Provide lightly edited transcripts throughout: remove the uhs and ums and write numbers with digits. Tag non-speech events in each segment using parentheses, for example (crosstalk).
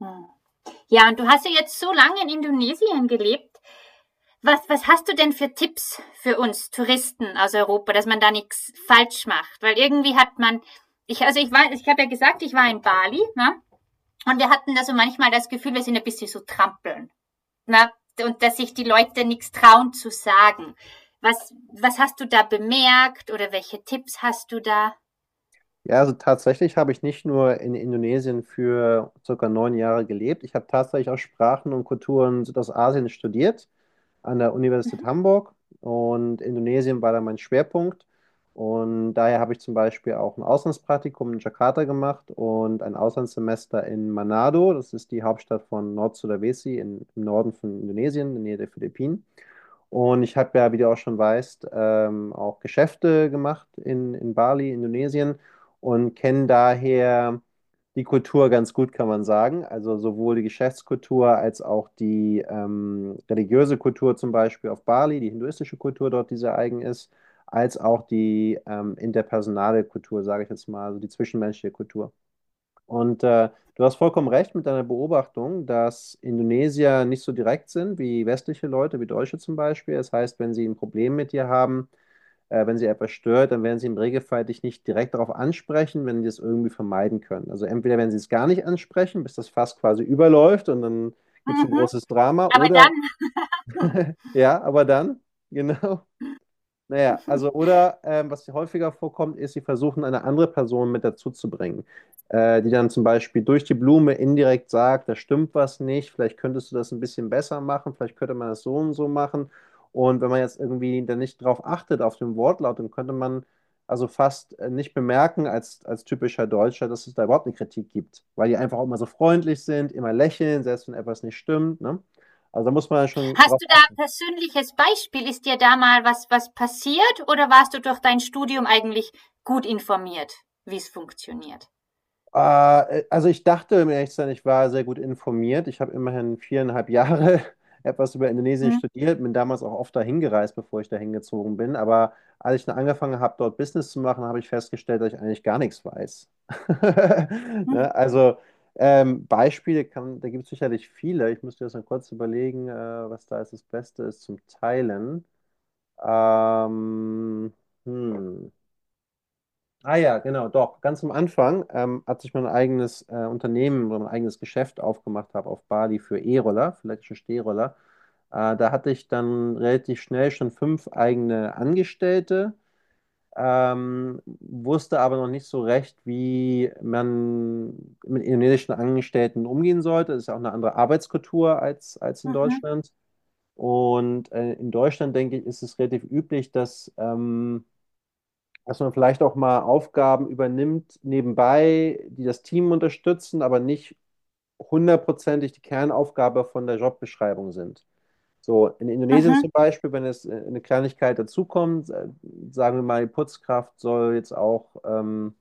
Hm. Ja, und du hast ja jetzt so lange in Indonesien gelebt. Was hast du denn für Tipps für uns Touristen aus Europa, dass man da nichts falsch macht? Weil irgendwie hat man, ich, also ich war, ich habe ja gesagt, ich war in Bali, ne? Und wir hatten da so manchmal das Gefühl, wir sind ein bisschen so trampeln. Ne? Und dass sich die Leute nichts trauen zu sagen. Was hast du da bemerkt oder welche Tipps hast du da? Ja, also tatsächlich habe ich nicht nur in Indonesien für circa neun Jahre gelebt. Ich habe tatsächlich auch Sprachen und Kulturen Südostasien studiert an der Universität Mhm. Hamburg und Indonesien war da mein Schwerpunkt. Und daher habe ich zum Beispiel auch ein Auslandspraktikum in Jakarta gemacht und ein Auslandssemester in Manado. Das ist die Hauptstadt von Nord-Sulawesi im Norden von Indonesien, in der Nähe der Philippinen. Und ich habe ja, wie du auch schon weißt, auch Geschäfte gemacht in Bali, Indonesien und kenne daher die Kultur ganz gut, kann man sagen. Also sowohl die Geschäftskultur als auch die religiöse Kultur zum Beispiel auf Bali, die hinduistische Kultur dort, die sehr eigen ist, als auch die interpersonale Kultur, sage ich jetzt mal, also die zwischenmenschliche Kultur. Und äh, du hast vollkommen recht mit deiner Beobachtung, dass Indonesier nicht so direkt sind wie westliche Leute, wie Deutsche zum Beispiel. Das heißt, wenn sie ein Problem mit dir haben, wenn sie etwas stört, dann werden sie im Regelfall dich nicht direkt darauf ansprechen, wenn die das irgendwie vermeiden können. Also entweder werden sie es gar nicht ansprechen, bis das Fass quasi überläuft und dann gibt es ein großes Drama, Aber dann oder ja, aber dann, (laughs) genau. Naja, also oder was häufiger vorkommt, ist, sie versuchen, eine andere Person mit dazu zu bringen, die dann zum Beispiel durch die Blume indirekt sagt, da stimmt was nicht, vielleicht könntest du das ein bisschen besser machen, vielleicht könnte man das so und so machen. Und wenn man jetzt irgendwie dann nicht drauf achtet, auf den Wortlaut, dann könnte man also fast nicht bemerken als typischer Deutscher, dass es da überhaupt eine Kritik gibt, weil die einfach auch immer so freundlich sind, immer lächeln, selbst wenn etwas nicht stimmt, ne? Also da muss man ja schon hast drauf du da ein achten. persönliches Beispiel? Ist dir da mal was, was passiert oder warst du durch dein Studium eigentlich gut informiert, wie es funktioniert? Also ich dachte, um ehrlich zu sein, ich war sehr gut informiert. Ich habe immerhin viereinhalb Jahre (laughs) etwas über Indonesien Mhm, studiert, bin damals auch oft dahin gereist, bevor ich dahin gezogen bin. Aber als ich dann angefangen habe, dort Business zu machen, habe ich festgestellt, dass ich eigentlich gar nichts weiß. (laughs) mhm, Ne? Also Beispiele kann, da gibt es sicherlich viele. Ich müsste jetzt mal kurz überlegen, was da jetzt das Beste ist zum Teilen. Ähm, hm. Ah ja, genau, doch. Ganz am Anfang, als ich mein eigenes Unternehmen oder mein eigenes Geschäft aufgemacht habe auf Bali für E-Roller, für elektrische Stehroller, da hatte ich dann relativ schnell schon fünf eigene Angestellte, wusste aber noch nicht so recht, wie man mit indonesischen Angestellten umgehen sollte. Das ist ja auch eine andere Arbeitskultur als in mhm, Deutschland. Und in Deutschland, denke ich, ist es relativ üblich, dass... dass man vielleicht auch mal Aufgaben übernimmt nebenbei, die das Team unterstützen, aber nicht hundertprozentig die Kernaufgabe von der Jobbeschreibung sind. So, in Indonesien mhm, zum Beispiel, wenn es eine Kleinigkeit dazukommt, sagen wir mal, die Putzkraft soll jetzt auch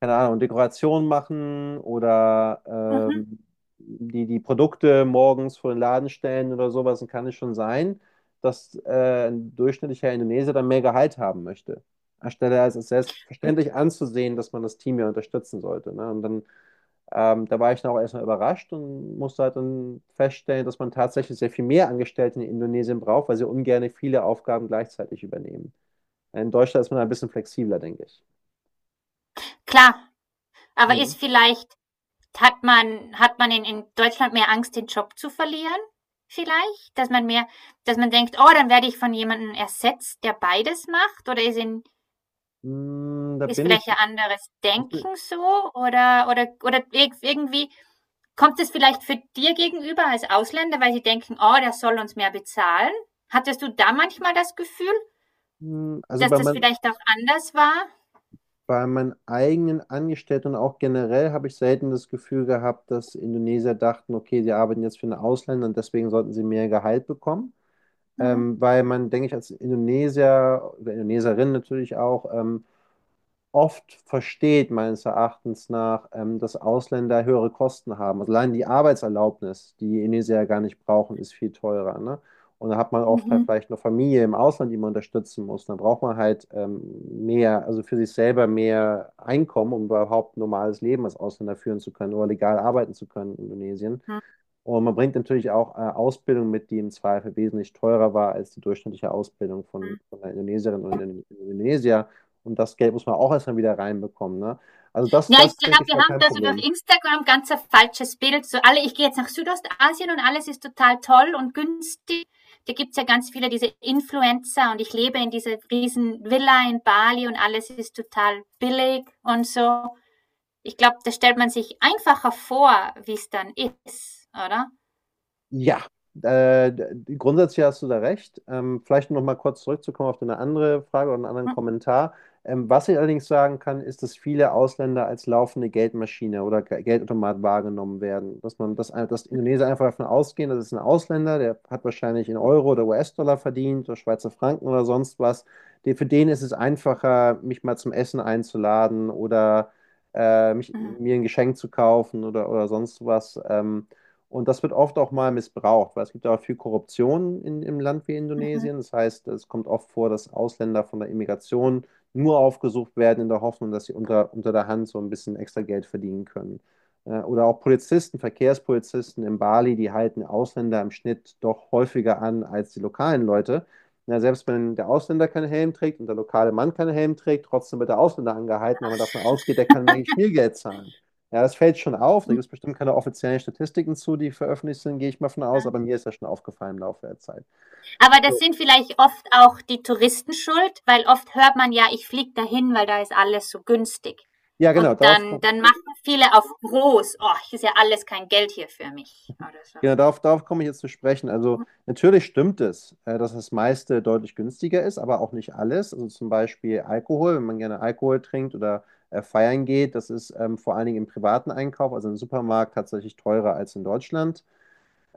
keine Ahnung, Dekorationen machen oder mhm. ähm, die, die Produkte morgens vor den Laden stellen oder sowas, dann kann es schon sein, dass ein durchschnittlicher Indonesier dann mehr Gehalt haben möchte. Anstelle als es selbstverständlich anzusehen, dass man das Team ja unterstützen sollte. Ne? Und dann, da war ich dann auch erstmal überrascht und musste halt dann feststellen, dass man tatsächlich sehr viel mehr Angestellte in Indonesien braucht, weil sie ungern viele Aufgaben gleichzeitig übernehmen. In Deutschland ist man ein bisschen flexibler, denke ich. Klar, aber Mhm. ist vielleicht, hat man in Deutschland mehr Angst, den Job zu verlieren? Vielleicht? Dass man mehr, dass man denkt, oh, dann werde ich von jemandem ersetzt, der beides macht? Oder ist in, Mm, Da ist bin vielleicht ich, ein anderes ich bin- Denken so? Oder irgendwie kommt es vielleicht für dir gegenüber als Ausländer, weil sie denken, oh, der soll uns mehr bezahlen? Hattest du da manchmal das Gefühl, mm, also dass bei, das mein, vielleicht auch anders war? Bei meinen eigenen Angestellten und auch generell habe ich selten das Gefühl gehabt, dass Indonesier dachten, okay, sie arbeiten jetzt für einen Ausländer und deswegen sollten sie mehr Gehalt bekommen. Mhm. Weil man, denke ich, als Indonesier oder Indoneserin natürlich auch, oft versteht, meines Erachtens nach, dass Ausländer höhere Kosten haben. Also allein die Arbeitserlaubnis, die Indonesier ja gar nicht brauchen, ist viel teurer, ne? Und da hat man oft halt Mhm. vielleicht eine Familie im Ausland, die man unterstützen muss. Dann braucht man halt mehr, also für sich selber mehr Einkommen, um überhaupt ein normales Leben als Ausländer führen zu können oder legal arbeiten zu können in Indonesien. Und man bringt natürlich auch Ausbildung mit, die im Zweifel wesentlich teurer war als die durchschnittliche Ausbildung Mhm. Von einer Indonesierin oder einem Indonesier. Und das Geld muss man auch erstmal wieder reinbekommen. Ne? Also Ja, ich denke glaube, ich, wir war haben kein da so durch Problem. Instagram ganz ein falsches Bild. So alle, ich gehe jetzt nach Südostasien und alles ist total toll und günstig. Da gibt's ja ganz viele diese Influencer und ich lebe in dieser riesen Villa in Bali und alles ist total billig und so. Ich glaube, da stellt man sich einfacher vor, wie es dann ist, oder? Ja, grundsätzlich hast du da recht. Vielleicht noch mal kurz zurückzukommen auf eine andere Frage oder einen anderen Kommentar. Was ich allerdings sagen kann, ist, dass viele Ausländer als laufende Geldmaschine oder Geldautomat wahrgenommen werden. Dass Indonesier einfach davon ausgehen, das ist ein Ausländer, der hat wahrscheinlich in Euro oder US-Dollar verdient oder Schweizer Franken oder sonst was. Die, für den ist es einfacher, mich mal zum Essen einzuladen oder Mhm, mir ein Geschenk zu kaufen oder sonst was. Und das wird oft auch mal missbraucht, weil es gibt ja auch viel Korruption im Land wie mhm. Indonesien. Das heißt, es kommt oft vor, dass Ausländer von der Immigration nur aufgesucht werden in der Hoffnung, dass sie unter der Hand so ein bisschen extra Geld verdienen können. Oder auch Polizisten, Verkehrspolizisten in Bali, die halten Ausländer im Schnitt doch häufiger an als die lokalen Leute. Ja, selbst wenn der Ausländer keinen Helm trägt und der lokale Mann keinen Helm trägt, trotzdem wird der Ausländer angehalten, weil man davon ausgeht, der kann mehr Schmiergeld zahlen. Ja, das fällt schon auf. Da gibt es bestimmt keine offiziellen Statistiken zu, die veröffentlicht sind, gehe ich mal von aus. Aber mir ist das schon aufgefallen im Laufe der Zeit. Aber das So. sind vielleicht oft auch die Touristen schuld, weil oft hört man ja, ich fliege dahin, weil da ist alles so günstig. Ja, Und genau, darauf, dann, komm- dann machen viele auf groß, oh, ist ja alles kein Geld hier für mich oder so. genau, darauf, darauf komme ich jetzt zu sprechen. Also natürlich stimmt es, dass das meiste deutlich günstiger ist, aber auch nicht alles. Also zum Beispiel Alkohol, wenn man gerne Alkohol trinkt oder feiern geht, das ist vor allen Dingen im privaten Einkauf, also im Supermarkt, tatsächlich teurer als in Deutschland.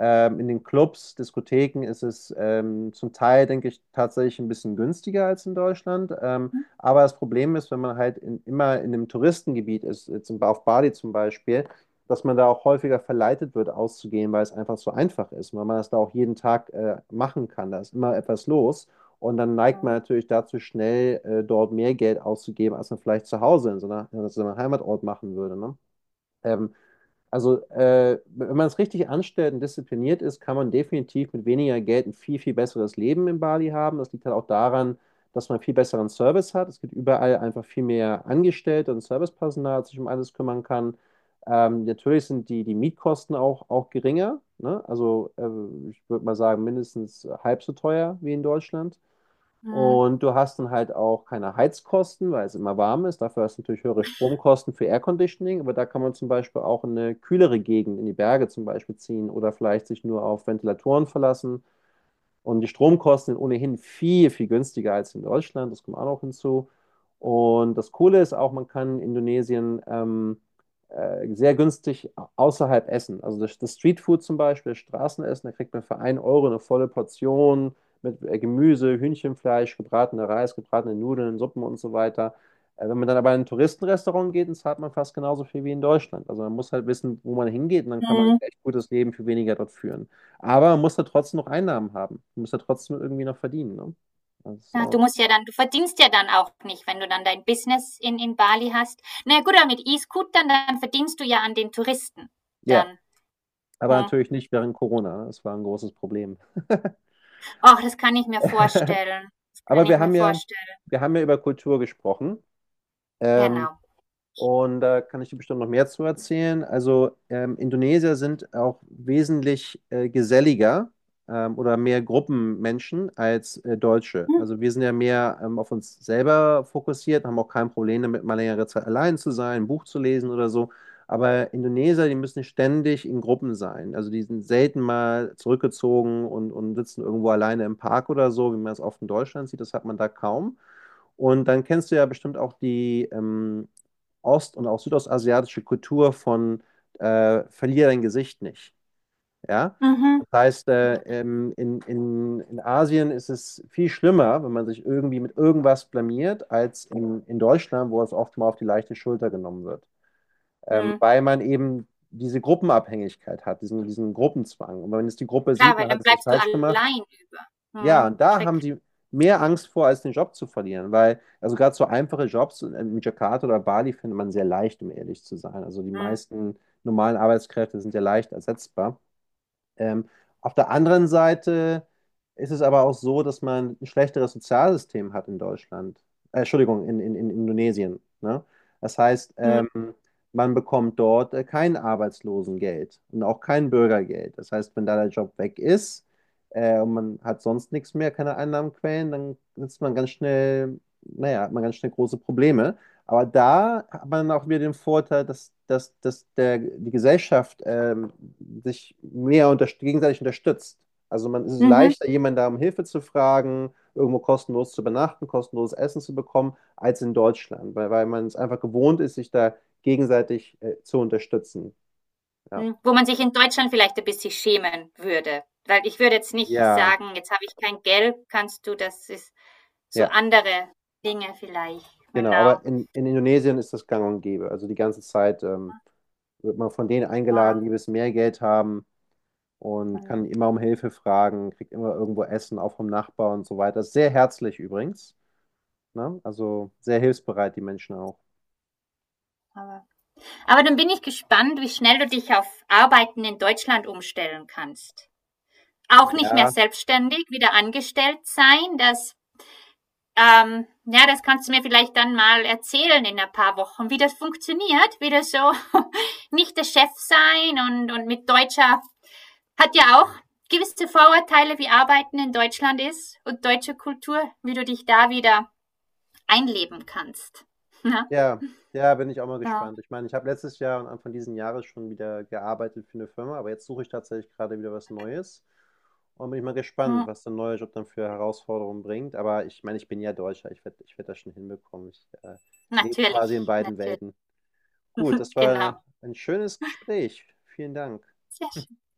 In den Clubs, Diskotheken ist es zum Teil, denke ich, tatsächlich ein bisschen günstiger als in Deutschland. Aber das Problem ist, wenn man halt immer in einem Touristengebiet ist, jetzt auf Bali zum Beispiel, dass man da auch häufiger verleitet wird, auszugehen, weil es einfach so einfach ist, weil man das da auch jeden Tag machen kann. Da ist immer etwas los. Und dann neigt Mhm. man natürlich dazu, schnell dort mehr Geld auszugeben, als man vielleicht zu Hause in so einem Heimatort machen würde. Ne? Ähm, Wenn man es richtig anstellt und diszipliniert ist, kann man definitiv mit weniger Geld ein viel, viel besseres Leben in Bali haben. Das liegt halt auch daran, dass man viel besseren Service hat. Es gibt überall einfach viel mehr Angestellte und Servicepersonal, das sich um alles kümmern kann. Natürlich sind die Mietkosten auch geringer, ne? Ich würde mal sagen, mindestens halb so teuer wie in Deutschland. Mhm. Und du hast dann halt auch keine Heizkosten, weil es immer warm ist. Dafür hast du natürlich höhere Stromkosten für Air Conditioning, aber da kann man zum Beispiel auch in eine kühlere Gegend, in die Berge zum Beispiel ziehen oder vielleicht sich nur auf Ventilatoren verlassen. Und die Stromkosten sind ohnehin viel, viel günstiger als in Deutschland. Das kommt auch noch hinzu. Und das Coole ist auch, man kann in Indonesien sehr günstig außerhalb essen. Also das Streetfood zum Beispiel, das Straßenessen, da kriegt man für 1 Euro eine volle Portion mit Gemüse, Hühnchenfleisch, gebratener Reis, gebratene Nudeln, Suppen und so weiter. Wenn man dann aber in ein Touristenrestaurant geht, dann zahlt man fast genauso viel wie in Deutschland. Also man muss halt wissen, wo man hingeht und dann kann man ein Mhm. echt gutes Leben für weniger dort führen. Aber man muss da trotzdem noch Einnahmen haben. Man muss da trotzdem irgendwie noch verdienen. Ne? Ja, du Also, musst ja dann, du verdienst ja dann auch nicht, wenn du dann dein Business in Bali hast. Na gut, aber mit E-Scootern, dann verdienst du ja an den Touristen. ja, Dann, aber hm. natürlich nicht während Corona. Das war ein großes Problem. (laughs) Ach, das kann ich mir vorstellen. Das kann Aber ich wir mir haben ja, vorstellen. wir haben ja über Kultur gesprochen. Ähm, Genau. Und da kann ich dir bestimmt noch mehr zu erzählen. Also Indonesier sind auch wesentlich geselliger oder mehr Gruppenmenschen als Deutsche. Hm, Also wir sind ja mehr auf uns selber fokussiert, haben auch kein Problem damit, mal längere Zeit allein zu sein, ein Buch zu lesen oder so. Aber Indonesier, die müssen ständig in Gruppen sein. Also die sind selten mal zurückgezogen und sitzen irgendwo alleine im Park oder so, wie man es oft in Deutschland sieht. Das hat man da kaum. Und dann kennst du ja bestimmt auch die, ost- und auch südostasiatische Kultur von verlier dein Gesicht nicht. Ja? mhm. Das heißt, in Asien ist es viel schlimmer, wenn man sich irgendwie mit irgendwas blamiert, als in Deutschland, wo es oft mal auf die leichte Schulter genommen wird. Mhm. Weil man eben diese Gruppenabhängigkeit hat, diesen Gruppenzwang. Und wenn es die Gruppe Klar, sieht, weil man hat dann es was bleibst du falsch gemacht, allein über. ja, Mhm. und da haben Schreck. sie mehr Angst vor, als den Job zu verlieren, weil, also gerade so einfache Jobs in Jakarta oder Bali findet man sehr leicht, um ehrlich zu sein. Also die Mhm. meisten normalen Arbeitskräfte sind ja leicht ersetzbar. Ähm, auf der anderen Seite ist es aber auch so, dass man ein schlechteres Sozialsystem hat in Deutschland. Entschuldigung, in Indonesien. Ne? Das heißt, Mhm. Man bekommt dort kein Arbeitslosengeld und auch kein Bürgergeld. Das heißt, wenn da der Job weg ist und man hat sonst nichts mehr, keine Einnahmenquellen, dann sitzt man ganz schnell, naja, hat man ganz schnell große Probleme. Aber da hat man auch wieder den Vorteil, die Gesellschaft sich mehr gegenseitig unterstützt. Also man es ist Mhm. leichter, jemanden da um Hilfe zu fragen, irgendwo kostenlos zu übernachten, kostenloses Essen zu bekommen, als in Deutschland, weil man es einfach gewohnt ist, sich da gegenseitig zu unterstützen. Ja. Mhm. Wo man sich in Deutschland vielleicht ein bisschen schämen würde. Weil ich würde jetzt nicht Ja, sagen, jetzt habe ich kein Geld, kannst du, das ist so ja, andere Dinge vielleicht. genau. Genau. Aber in Indonesien ist das gang und gäbe. Also die ganze Zeit wird man von denen Ja. eingeladen, die ein bisschen mehr Geld haben und Mhm. kann immer um Hilfe fragen, kriegt immer irgendwo Essen, auch vom Nachbar und so weiter. Sehr herzlich übrigens, ne? Also sehr hilfsbereit, die Menschen auch. Aber, aber dann bin ich gespannt, wie schnell du dich auf Arbeiten in Deutschland umstellen kannst. Auch nicht mehr Ja, selbstständig, wieder angestellt sein, das ja, das kannst du mir vielleicht dann mal erzählen in ein paar Wochen, wie das funktioniert, wie das so (laughs) nicht der Chef sein und mit Deutscher hat ja auch gewisse Vorurteile, wie Arbeiten in Deutschland ist und deutsche Kultur, wie du dich da wieder einleben kannst. (laughs) Ja, ja, ja, bin ich auch mal ja. gespannt. Ich meine, ich habe letztes Jahr und Anfang diesen Jahres schon wieder gearbeitet für eine Firma, aber jetzt suche ich tatsächlich gerade wieder was Neues und bin ich mal Hm. gespannt, was der neue Job dann für Herausforderungen bringt. Aber ich meine, ich bin ja Deutscher, ich werd das schon hinbekommen. Ich lebe Natürlich, quasi in beiden Welten. natürlich, Gut, das (laughs) war genau. ein schönes Gespräch. Vielen Dank. Ja.